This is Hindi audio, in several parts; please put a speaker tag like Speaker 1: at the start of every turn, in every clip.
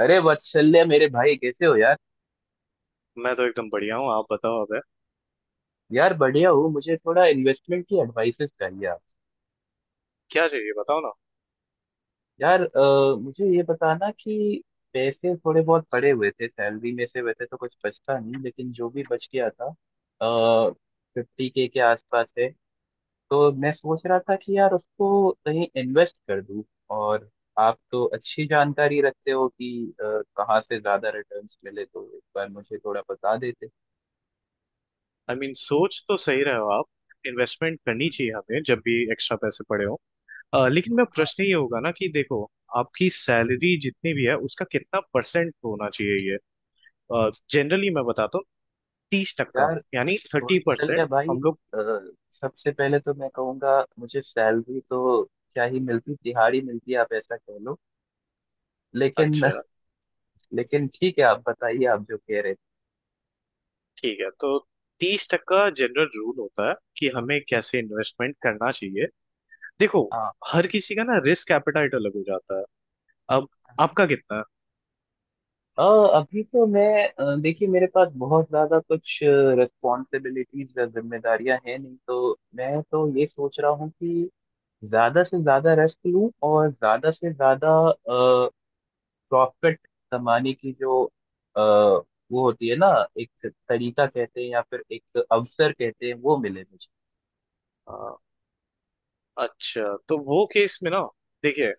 Speaker 1: अरे वत्सल्य, मेरे भाई, कैसे हो यार?
Speaker 2: मैं तो एकदम बढ़िया हूँ। आप बताओ अब
Speaker 1: यार बढ़िया हो। मुझे थोड़ा इन्वेस्टमेंट की एडवाइसेस चाहिए आप।
Speaker 2: क्या चाहिए बताओ ना।
Speaker 1: यार, मुझे ये बताना कि पैसे थोड़े बहुत पड़े हुए थे। सैलरी में से वैसे तो कुछ बचता नहीं, लेकिन जो भी बच गया था, 50 के आसपास है। तो मैं सोच रहा था कि यार उसको कहीं इन्वेस्ट कर दूं। और आप तो अच्छी जानकारी रखते हो कि कहाँ से ज्यादा रिटर्न्स मिले, तो एक बार मुझे थोड़ा बता देते।
Speaker 2: आई I मीन mean, सोच तो सही रहे हो आप। इन्वेस्टमेंट करनी
Speaker 1: हम्म।
Speaker 2: चाहिए हमें जब भी एक्स्ट्रा पैसे पड़े हो। लेकिन मैं प्रश्न ये होगा ना कि देखो आपकी सैलरी जितनी भी है उसका कितना परसेंट होना चाहिए ये। जनरली मैं बताता हूँ 30 टक्का
Speaker 1: यार,
Speaker 2: यानी 30%।
Speaker 1: कौशल्य भाई,
Speaker 2: हम लोग।
Speaker 1: अ, सबसे पहले तो मैं कहूँगा, मुझे सैलरी तो क्या ही मिलती, दिहाड़ी मिलती है, आप ऐसा कह लो। लेकिन
Speaker 2: अच्छा।
Speaker 1: लेकिन ठीक है, आप बताइए, आप जो कह रहे थे।
Speaker 2: ठीक है तो 30 टक्का जनरल रूल होता है कि हमें कैसे इन्वेस्टमेंट करना चाहिए। देखो
Speaker 1: हाँ
Speaker 2: हर किसी का ना रिस्क एपेटाइट अलग हो जाता है। अब
Speaker 1: हाँ।
Speaker 2: आपका कितना
Speaker 1: अ, अभी तो मैं, देखिए, मेरे पास बहुत ज्यादा कुछ रिस्पॉन्सिबिलिटीज या जिम्मेदारियां हैं नहीं, तो मैं तो ये सोच रहा हूँ कि ज्यादा से ज्यादा रेस्ट लूं और ज्यादा से ज्यादा प्रॉफिट कमाने की जो अ, वो होती है ना, एक तरीका कहते हैं या फिर एक अवसर कहते हैं, वो मिले मुझे।
Speaker 2: है। अच्छा तो वो केस में ना देखिए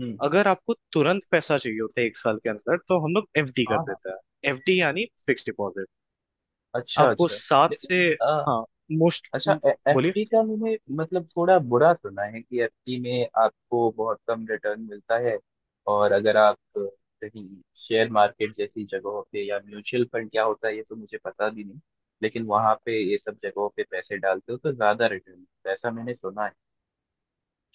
Speaker 1: हम्म।
Speaker 2: अगर आपको तुरंत पैसा चाहिए होता है एक साल के अंदर तो हम लोग एफडी कर
Speaker 1: हाँ हाँ।
Speaker 2: देते हैं। एफडी यानी फिक्स डिपॉजिट।
Speaker 1: अच्छा
Speaker 2: आपको
Speaker 1: अच्छा।
Speaker 2: सात
Speaker 1: लेकिन
Speaker 2: से हाँ मोस्ट
Speaker 1: अच्छा,
Speaker 2: बोलिए।
Speaker 1: एफडी का मैंने मतलब थोड़ा बुरा सुना है कि एफडी में आपको बहुत कम रिटर्न मिलता है। और अगर आप कहीं शेयर मार्केट जैसी जगहों पे या म्यूचुअल फंड, क्या होता है ये तो मुझे पता भी नहीं, लेकिन वहां पे, ये सब जगहों पे पैसे डालते हो तो ज्यादा रिटर्न मिलता है, ऐसा मैंने सुना है।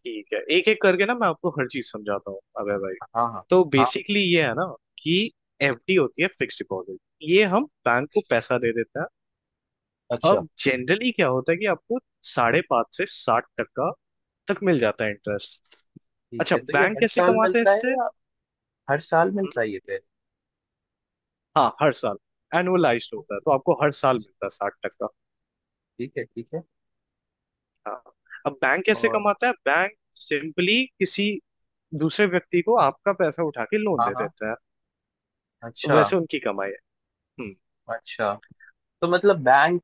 Speaker 2: ठीक है एक एक करके ना मैं आपको हर चीज समझाता हूँ अबे भाई।
Speaker 1: हाँ हाँ
Speaker 2: तो
Speaker 1: हाँ।
Speaker 2: बेसिकली ये है ना कि एफडी होती है फिक्स डिपॉजिट। ये हम बैंक को पैसा दे देते हैं।
Speaker 1: अच्छा।
Speaker 2: अब जनरली क्या होता है कि आपको 5.5 से 60 टका तक मिल जाता है इंटरेस्ट।
Speaker 1: ठीक
Speaker 2: अच्छा
Speaker 1: है, तो ये
Speaker 2: बैंक
Speaker 1: हर
Speaker 2: कैसे
Speaker 1: साल
Speaker 2: कमाते हैं
Speaker 1: मिलता है
Speaker 2: इससे।
Speaker 1: या? हर साल मिलता है ये पेड़?
Speaker 2: हाँ हर साल एनुअलाइज्ड होता है तो आपको हर साल
Speaker 1: अच्छा।
Speaker 2: मिलता है 60 टका।
Speaker 1: ठीक है ठीक है।
Speaker 2: हाँ अब बैंक कैसे
Speaker 1: और?
Speaker 2: कमाता है बैंक सिंपली किसी दूसरे व्यक्ति को आपका पैसा उठा के लोन
Speaker 1: हाँ
Speaker 2: दे
Speaker 1: हाँ।
Speaker 2: देता है। तो
Speaker 1: अच्छा
Speaker 2: वैसे उनकी कमाई है। हम्म।
Speaker 1: अच्छा, तो मतलब बैंक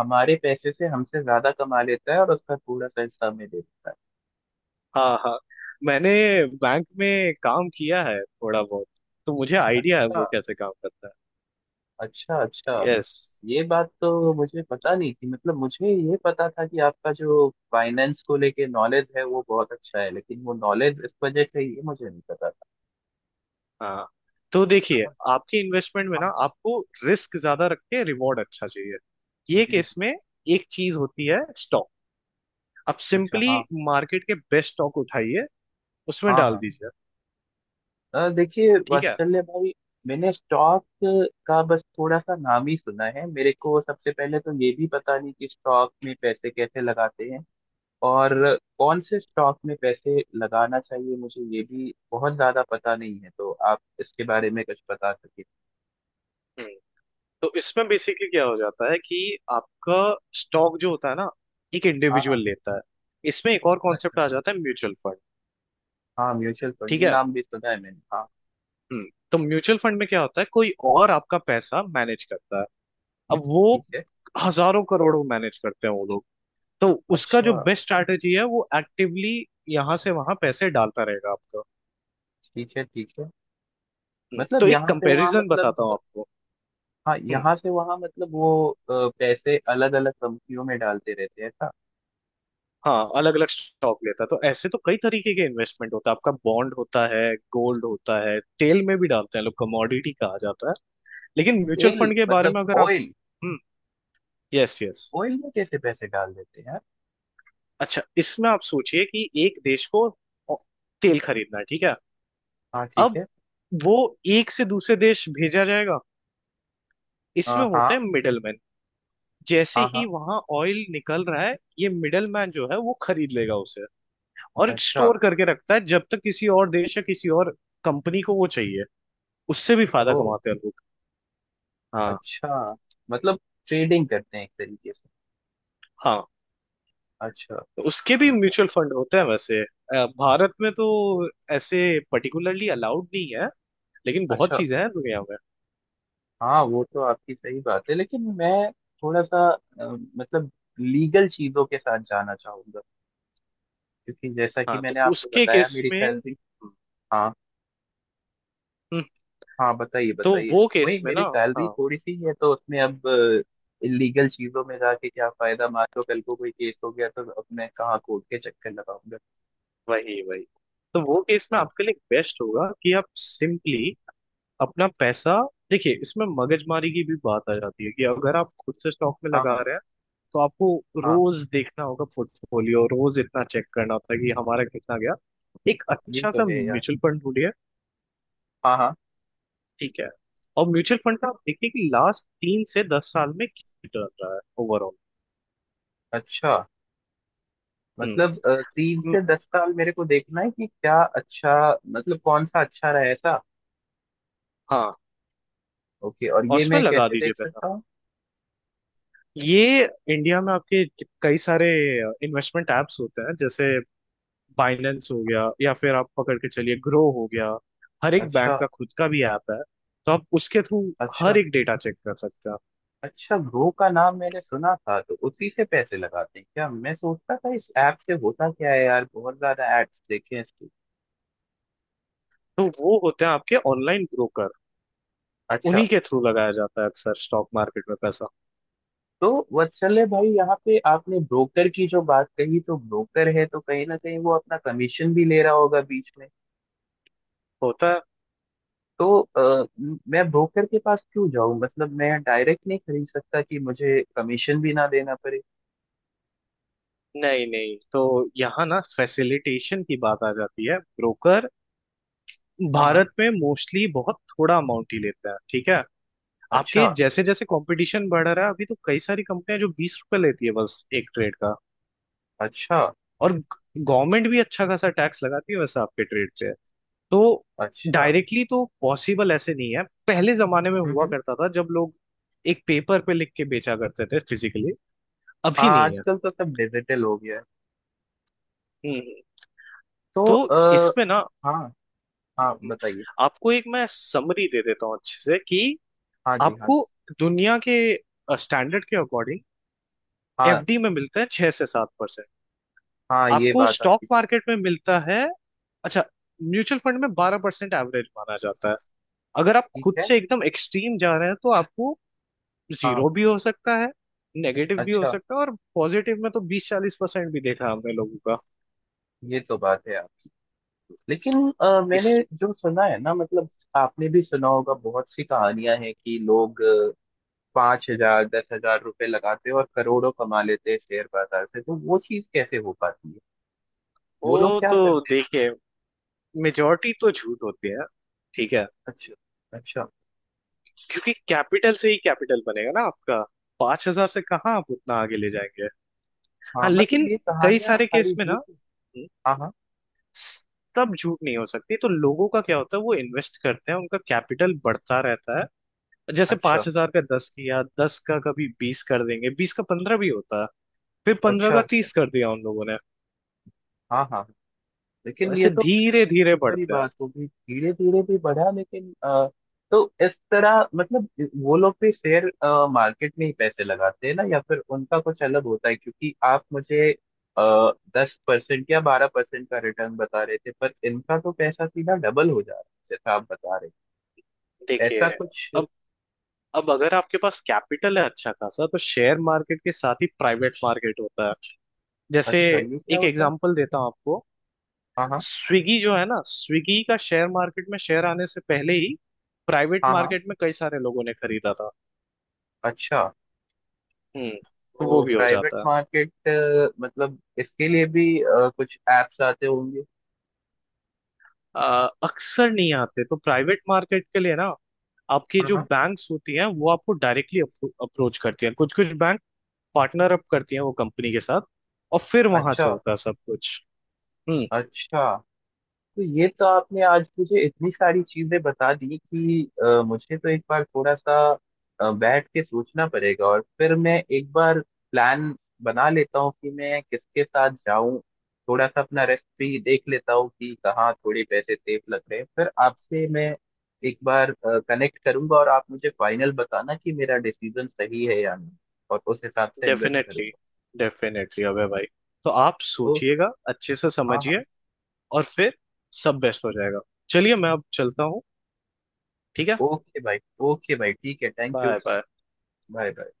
Speaker 1: हमारे पैसे से हमसे ज्यादा कमा लेता है और उसका थोड़ा सा हिस्सा हमें दे देता है।
Speaker 2: हाँ हाँ। मैंने बैंक में काम किया है थोड़ा बहुत तो मुझे आइडिया है
Speaker 1: अच्छा।
Speaker 2: वो कैसे काम करता
Speaker 1: अच्छा अच्छा।
Speaker 2: है। यस।
Speaker 1: ये बात तो मुझे पता नहीं थी, मतलब मुझे ये पता था कि आपका जो फाइनेंस को लेके नॉलेज है वो बहुत अच्छा है, लेकिन वो नॉलेज इस वजह से, ये मुझे नहीं पता था।
Speaker 2: हाँ तो देखिए
Speaker 1: हाँ
Speaker 2: आपके इन्वेस्टमेंट में ना
Speaker 1: हाँ।
Speaker 2: आपको रिस्क ज्यादा रख के रिवॉर्ड अच्छा चाहिए। ये
Speaker 1: जी जी।
Speaker 2: केस में एक चीज होती है स्टॉक। आप
Speaker 1: अच्छा।
Speaker 2: सिंपली
Speaker 1: हाँ
Speaker 2: मार्केट के बेस्ट स्टॉक उठाइए उसमें
Speaker 1: हाँ
Speaker 2: डाल
Speaker 1: हाँ।
Speaker 2: दीजिए।
Speaker 1: देखिए
Speaker 2: ठीक है।
Speaker 1: वात्सल्य भाई, मैंने स्टॉक का बस थोड़ा सा नाम ही सुना है। मेरे को सबसे पहले तो ये भी पता नहीं कि स्टॉक में पैसे कैसे लगाते हैं, और कौन से स्टॉक में पैसे लगाना चाहिए, मुझे ये भी बहुत ज्यादा पता नहीं है, तो आप इसके बारे में कुछ बता सके?
Speaker 2: हम्म, तो इसमें बेसिकली क्या हो जाता है कि आपका स्टॉक जो होता है ना एक
Speaker 1: हाँ हाँ।
Speaker 2: इंडिविजुअल लेता है। इसमें एक और
Speaker 1: अच्छा,
Speaker 2: कॉन्सेप्ट आ जाता है म्यूचुअल फंड।
Speaker 1: हाँ, म्यूचुअल फंड,
Speaker 2: ठीक
Speaker 1: ये
Speaker 2: है।
Speaker 1: नाम भी सुना है मैंने, हाँ।
Speaker 2: हम्म, तो म्यूचुअल फंड में क्या होता है कोई और आपका पैसा मैनेज करता है। अब वो
Speaker 1: ठीक है।
Speaker 2: हजारों करोड़ों मैनेज करते हैं वो लोग। तो उसका जो
Speaker 1: अच्छा।
Speaker 2: बेस्ट स्ट्रैटेजी है वो एक्टिवली यहाँ से वहां पैसे डालता रहेगा आपका।
Speaker 1: ठीक है ठीक है। मतलब
Speaker 2: तो एक
Speaker 1: यहाँ से वहाँ
Speaker 2: कंपैरिजन
Speaker 1: मतलब,
Speaker 2: बताता हूँ आपको।
Speaker 1: हाँ,
Speaker 2: हम्म,
Speaker 1: यहाँ से वहाँ मतलब वो पैसे अलग अलग कंपनियों में डालते रहते हैं?
Speaker 2: हाँ अलग अलग स्टॉक लेता है तो ऐसे तो कई तरीके के इन्वेस्टमेंट होता है आपका बॉन्ड होता है गोल्ड होता है तेल में भी डालते हैं लोग कमोडिटी कहा जाता है। लेकिन म्यूचुअल
Speaker 1: तेल
Speaker 2: फंड के बारे
Speaker 1: मतलब
Speaker 2: में अगर आप।
Speaker 1: Oil?
Speaker 2: Hmm. Yes, yes.
Speaker 1: Oil में कैसे पैसे डाल देते हैं यार?
Speaker 2: अच्छा इसमें आप सोचिए कि एक देश को ओ- तेल खरीदना है ठीक है।
Speaker 1: हाँ ठीक
Speaker 2: अब
Speaker 1: है।
Speaker 2: वो एक से दूसरे देश भेजा जाएगा।
Speaker 1: हाँ
Speaker 2: इसमें
Speaker 1: हाँ
Speaker 2: होते हैं मिडलमैन। जैसे
Speaker 1: हाँ
Speaker 2: ही
Speaker 1: हाँ।
Speaker 2: वहां ऑयल निकल रहा है ये मिडलमैन जो है वो खरीद लेगा उसे और
Speaker 1: अच्छा।
Speaker 2: स्टोर करके रखता है जब तक किसी और देश या किसी और कंपनी को वो चाहिए। उससे भी फायदा
Speaker 1: ओ,
Speaker 2: कमाते हैं लोग। हाँ
Speaker 1: अच्छा, मतलब ट्रेडिंग करते हैं एक तरीके से।
Speaker 2: हाँ।
Speaker 1: अच्छा,
Speaker 2: तो उसके भी
Speaker 1: समझा।
Speaker 2: म्यूचुअल फंड होते हैं वैसे। भारत में तो ऐसे पर्टिकुलरली अलाउड नहीं है। लेकिन बहुत
Speaker 1: अच्छा,
Speaker 2: चीजें हैं दुनिया में।
Speaker 1: हाँ, वो तो आपकी सही बात है, लेकिन मैं थोड़ा सा मतलब लीगल चीजों के साथ जाना चाहूंगा, क्योंकि जैसा कि
Speaker 2: हाँ
Speaker 1: मैंने
Speaker 2: तो
Speaker 1: आपको
Speaker 2: उसके
Speaker 1: बताया,
Speaker 2: केस
Speaker 1: मेरी
Speaker 2: में।
Speaker 1: सैलरी... हाँ
Speaker 2: हम्म,
Speaker 1: हाँ, बताइए,
Speaker 2: तो
Speaker 1: बताइए।
Speaker 2: वो
Speaker 1: वही,
Speaker 2: केस में ना
Speaker 1: मेरी सैलरी
Speaker 2: हाँ
Speaker 1: थोड़ी सी है, तो उसमें अब इलीगल चीजों में जाके क्या फायदा? मान लो कल को कोई केस हो गया, तो अब मैं कहाँ कोर्ट के चक्कर लगाऊंगा।
Speaker 2: वही वही तो वो केस में
Speaker 1: हाँ
Speaker 2: आपके लिए बेस्ट होगा कि आप सिंपली अपना पैसा। देखिए इसमें मगजमारी की भी बात आ जाती है कि अगर आप खुद से स्टॉक में
Speaker 1: हाँ
Speaker 2: लगा
Speaker 1: हाँ
Speaker 2: रहे हैं तो आपको
Speaker 1: हाँ।
Speaker 2: रोज देखना होगा पोर्टफोलियो रोज इतना चेक करना होता है कि हमारा कितना गया। एक
Speaker 1: ये
Speaker 2: अच्छा
Speaker 1: तो
Speaker 2: सा
Speaker 1: है यार।
Speaker 2: म्यूचुअल फंड ढूंढिए।
Speaker 1: हाँ हाँ।
Speaker 2: ठीक है और म्यूचुअल फंड का आप देखिए कि लास्ट 3 से 10 साल में कितना रहा है ओवरऑल।
Speaker 1: अच्छा,
Speaker 2: हम्म।
Speaker 1: मतलब 3
Speaker 2: म-
Speaker 1: से 10 साल मेरे को देखना है कि क्या अच्छा, मतलब कौन सा अच्छा रहा, ऐसा?
Speaker 2: हाँ
Speaker 1: ओके, और
Speaker 2: और
Speaker 1: ये
Speaker 2: उसमें
Speaker 1: मैं
Speaker 2: लगा
Speaker 1: कैसे
Speaker 2: दीजिए
Speaker 1: देख
Speaker 2: पैसा।
Speaker 1: सकता हूँ?
Speaker 2: ये इंडिया में आपके कई सारे इन्वेस्टमेंट एप्स होते हैं जैसे बाइनेंस हो गया या फिर आप पकड़ के चलिए ग्रो हो गया। हर एक
Speaker 1: अच्छा
Speaker 2: बैंक का खुद का भी ऐप है। तो आप उसके थ्रू हर
Speaker 1: अच्छा।
Speaker 2: एक डेटा चेक कर सकते हैं।
Speaker 1: अच्छा, ग्रो का नाम मैंने सुना था, तो उसी से पैसे लगाते हैं क्या? मैं सोचता था इस ऐप से होता क्या है यार, बहुत ज्यादा एड्स देखे हैं इसके।
Speaker 2: तो वो होते हैं आपके ऑनलाइन ब्रोकर।
Speaker 1: अच्छा।
Speaker 2: उन्हीं के थ्रू लगाया जाता है अक्सर स्टॉक मार्केट में पैसा
Speaker 1: तो वत्सल्य भाई, यहाँ पे आपने ब्रोकर की जो बात कही, तो ब्रोकर है तो कहीं ना कहीं वो अपना कमीशन भी ले रहा होगा बीच में,
Speaker 2: होता है।
Speaker 1: तो मैं ब्रोकर के पास क्यों जाऊं, मतलब मैं डायरेक्ट नहीं खरीद सकता कि मुझे कमीशन भी ना देना पड़े?
Speaker 2: नहीं नहीं तो यहाँ ना फैसिलिटेशन की बात आ जाती है। ब्रोकर
Speaker 1: हाँ हाँ।
Speaker 2: भारत में मोस्टली बहुत थोड़ा अमाउंट ही लेते हैं ठीक है।
Speaker 1: अच्छा
Speaker 2: आपके जैसे जैसे कंपटीशन बढ़ रहा है अभी तो कई सारी कंपनियां जो 20 रुपए लेती है बस एक ट्रेड का।
Speaker 1: अच्छा।
Speaker 2: और गवर्नमेंट भी अच्छा खासा टैक्स लगाती है वैसे आपके ट्रेड पे। तो
Speaker 1: अच्छा।
Speaker 2: डायरेक्टली तो पॉसिबल ऐसे नहीं है पहले जमाने में
Speaker 1: हम्म
Speaker 2: हुआ
Speaker 1: हम्म।
Speaker 2: करता था जब लोग एक पेपर पे लिख के बेचा करते थे फिजिकली।
Speaker 1: हाँ,
Speaker 2: अभी नहीं है।
Speaker 1: आजकल तो सब डिजिटल हो गया है।
Speaker 2: हम्म
Speaker 1: तो
Speaker 2: तो इसमें ना
Speaker 1: हाँ हाँ बताइए,
Speaker 2: आपको एक मैं समरी दे देता हूँ अच्छे से कि
Speaker 1: हाँ जी, हाँ
Speaker 2: आपको
Speaker 1: जी।
Speaker 2: दुनिया के स्टैंडर्ड के अकॉर्डिंग
Speaker 1: हाँ
Speaker 2: एफडी में मिलता है 6 से 7%।
Speaker 1: हाँ, ये
Speaker 2: आपको
Speaker 1: बात
Speaker 2: स्टॉक
Speaker 1: आपकी
Speaker 2: मार्केट में मिलता है अच्छा म्यूचुअल फंड में 12% एवरेज माना जाता है। अगर आप
Speaker 1: ठीक
Speaker 2: खुद
Speaker 1: है।
Speaker 2: से एकदम एक्सट्रीम जा रहे हैं तो आपको
Speaker 1: हाँ।
Speaker 2: जीरो भी हो सकता है। नेगेटिव भी हो
Speaker 1: अच्छा,
Speaker 2: सकता है और पॉजिटिव में तो 20 से 40% भी देखा हमने लोगों का।
Speaker 1: ये तो बात है आप, लेकिन
Speaker 2: इस
Speaker 1: मैंने जो सुना है ना, मतलब आपने भी सुना होगा, बहुत सी कहानियां हैं कि लोग 5,000, 10,000 रुपए लगाते हैं और करोड़ों कमा लेते हैं शेयर बाजार से, तो वो चीज कैसे हो पाती है? वो लोग
Speaker 2: वो
Speaker 1: क्या
Speaker 2: तो
Speaker 1: करते हैं?
Speaker 2: देखिए मेजोरिटी तो झूठ होती है ठीक है
Speaker 1: अच्छा अच्छा।
Speaker 2: क्योंकि कैपिटल से ही कैपिटल बनेगा ना आपका। 5,000 से कहाँ आप उतना आगे ले जाएंगे।
Speaker 1: हाँ,
Speaker 2: हाँ
Speaker 1: मतलब
Speaker 2: लेकिन
Speaker 1: ये
Speaker 2: कई
Speaker 1: कहानियां
Speaker 2: सारे
Speaker 1: सारी
Speaker 2: केस में ना
Speaker 1: झूठ है? हाँ हाँ।
Speaker 2: तब झूठ नहीं हो सकती तो लोगों का क्या होता है वो इन्वेस्ट करते हैं उनका कैपिटल बढ़ता रहता है। जैसे
Speaker 1: अच्छा
Speaker 2: 5,000 का 10 किया 10 का कभी 20 कर देंगे 20 का 15 भी होता है। फिर 15
Speaker 1: अच्छा
Speaker 2: का
Speaker 1: अच्छा।
Speaker 2: 30 कर दिया उन लोगों ने।
Speaker 1: हाँ हाँ हाँ। लेकिन ये
Speaker 2: ऐसे
Speaker 1: तो
Speaker 2: धीरे धीरे
Speaker 1: बड़ी
Speaker 2: बढ़ते हैं।
Speaker 1: बात होगी, धीरे धीरे भी बढ़ा, लेकिन तो इस तरह मतलब वो लोग भी शेयर मार्केट में ही पैसे लगाते हैं ना, या फिर उनका कुछ अलग होता है? क्योंकि आप मुझे 10% या 12% का रिटर्न बता रहे थे, पर इनका तो पैसा सीधा डबल हो जा रहा है जैसा आप बता रहे हैं, ऐसा
Speaker 2: देखिए
Speaker 1: कुछ?
Speaker 2: अब अब अगर आपके पास कैपिटल है अच्छा खासा तो शेयर मार्केट के साथ ही प्राइवेट मार्केट होता है। जैसे
Speaker 1: अच्छा, ये क्या
Speaker 2: एक
Speaker 1: होता है?
Speaker 2: एग्जांपल देता हूँ आपको।
Speaker 1: हाँ हाँ
Speaker 2: स्विगी जो है ना स्विगी का शेयर मार्केट में शेयर आने से पहले ही प्राइवेट
Speaker 1: हाँ हाँ।
Speaker 2: मार्केट में कई सारे लोगों ने खरीदा था।
Speaker 1: अच्छा,
Speaker 2: तो वो
Speaker 1: तो
Speaker 2: भी हो
Speaker 1: प्राइवेट
Speaker 2: जाता है।
Speaker 1: मार्केट मतलब, इसके लिए भी कुछ एप्स आते होंगे?
Speaker 2: अक्सर नहीं आते तो प्राइवेट मार्केट के लिए ना आपकी
Speaker 1: हाँ
Speaker 2: जो
Speaker 1: हाँ।
Speaker 2: बैंक्स होती हैं वो आपको डायरेक्टली अप्रोच करती हैं कुछ कुछ। पार्टनर अप करती है वो कंपनी के साथ और फिर वहां
Speaker 1: अच्छा
Speaker 2: से होता है सब कुछ। हम्म
Speaker 1: अच्छा। तो ये तो आपने आज मुझे इतनी सारी चीजें बता दी कि मुझे तो एक बार थोड़ा सा बैठ के सोचना पड़ेगा, और फिर मैं एक बार प्लान बना लेता हूँ कि मैं किसके साथ जाऊं, थोड़ा सा अपना रेस्ट भी देख लेता हूँ कि कहाँ थोड़े पैसे सेफ लग रहे हैं, फिर आपसे मैं एक बार कनेक्ट करूंगा, और आप मुझे फाइनल बताना कि मेरा डिसीजन सही है या नहीं, और उस हिसाब से इन्वेस्ट
Speaker 2: डेफिनेटली
Speaker 1: करूंगा।
Speaker 2: डेफिनेटली अबे भाई। तो आप
Speaker 1: ओ।
Speaker 2: सोचिएगा अच्छे से
Speaker 1: हाँ हाँ।
Speaker 2: समझिए और फिर सब बेस्ट हो जाएगा। चलिए मैं अब चलता हूँ ठीक है।
Speaker 1: ओके भाई। ओके भाई, ठीक है, thank you.
Speaker 2: Bye bye.
Speaker 1: Bye bye.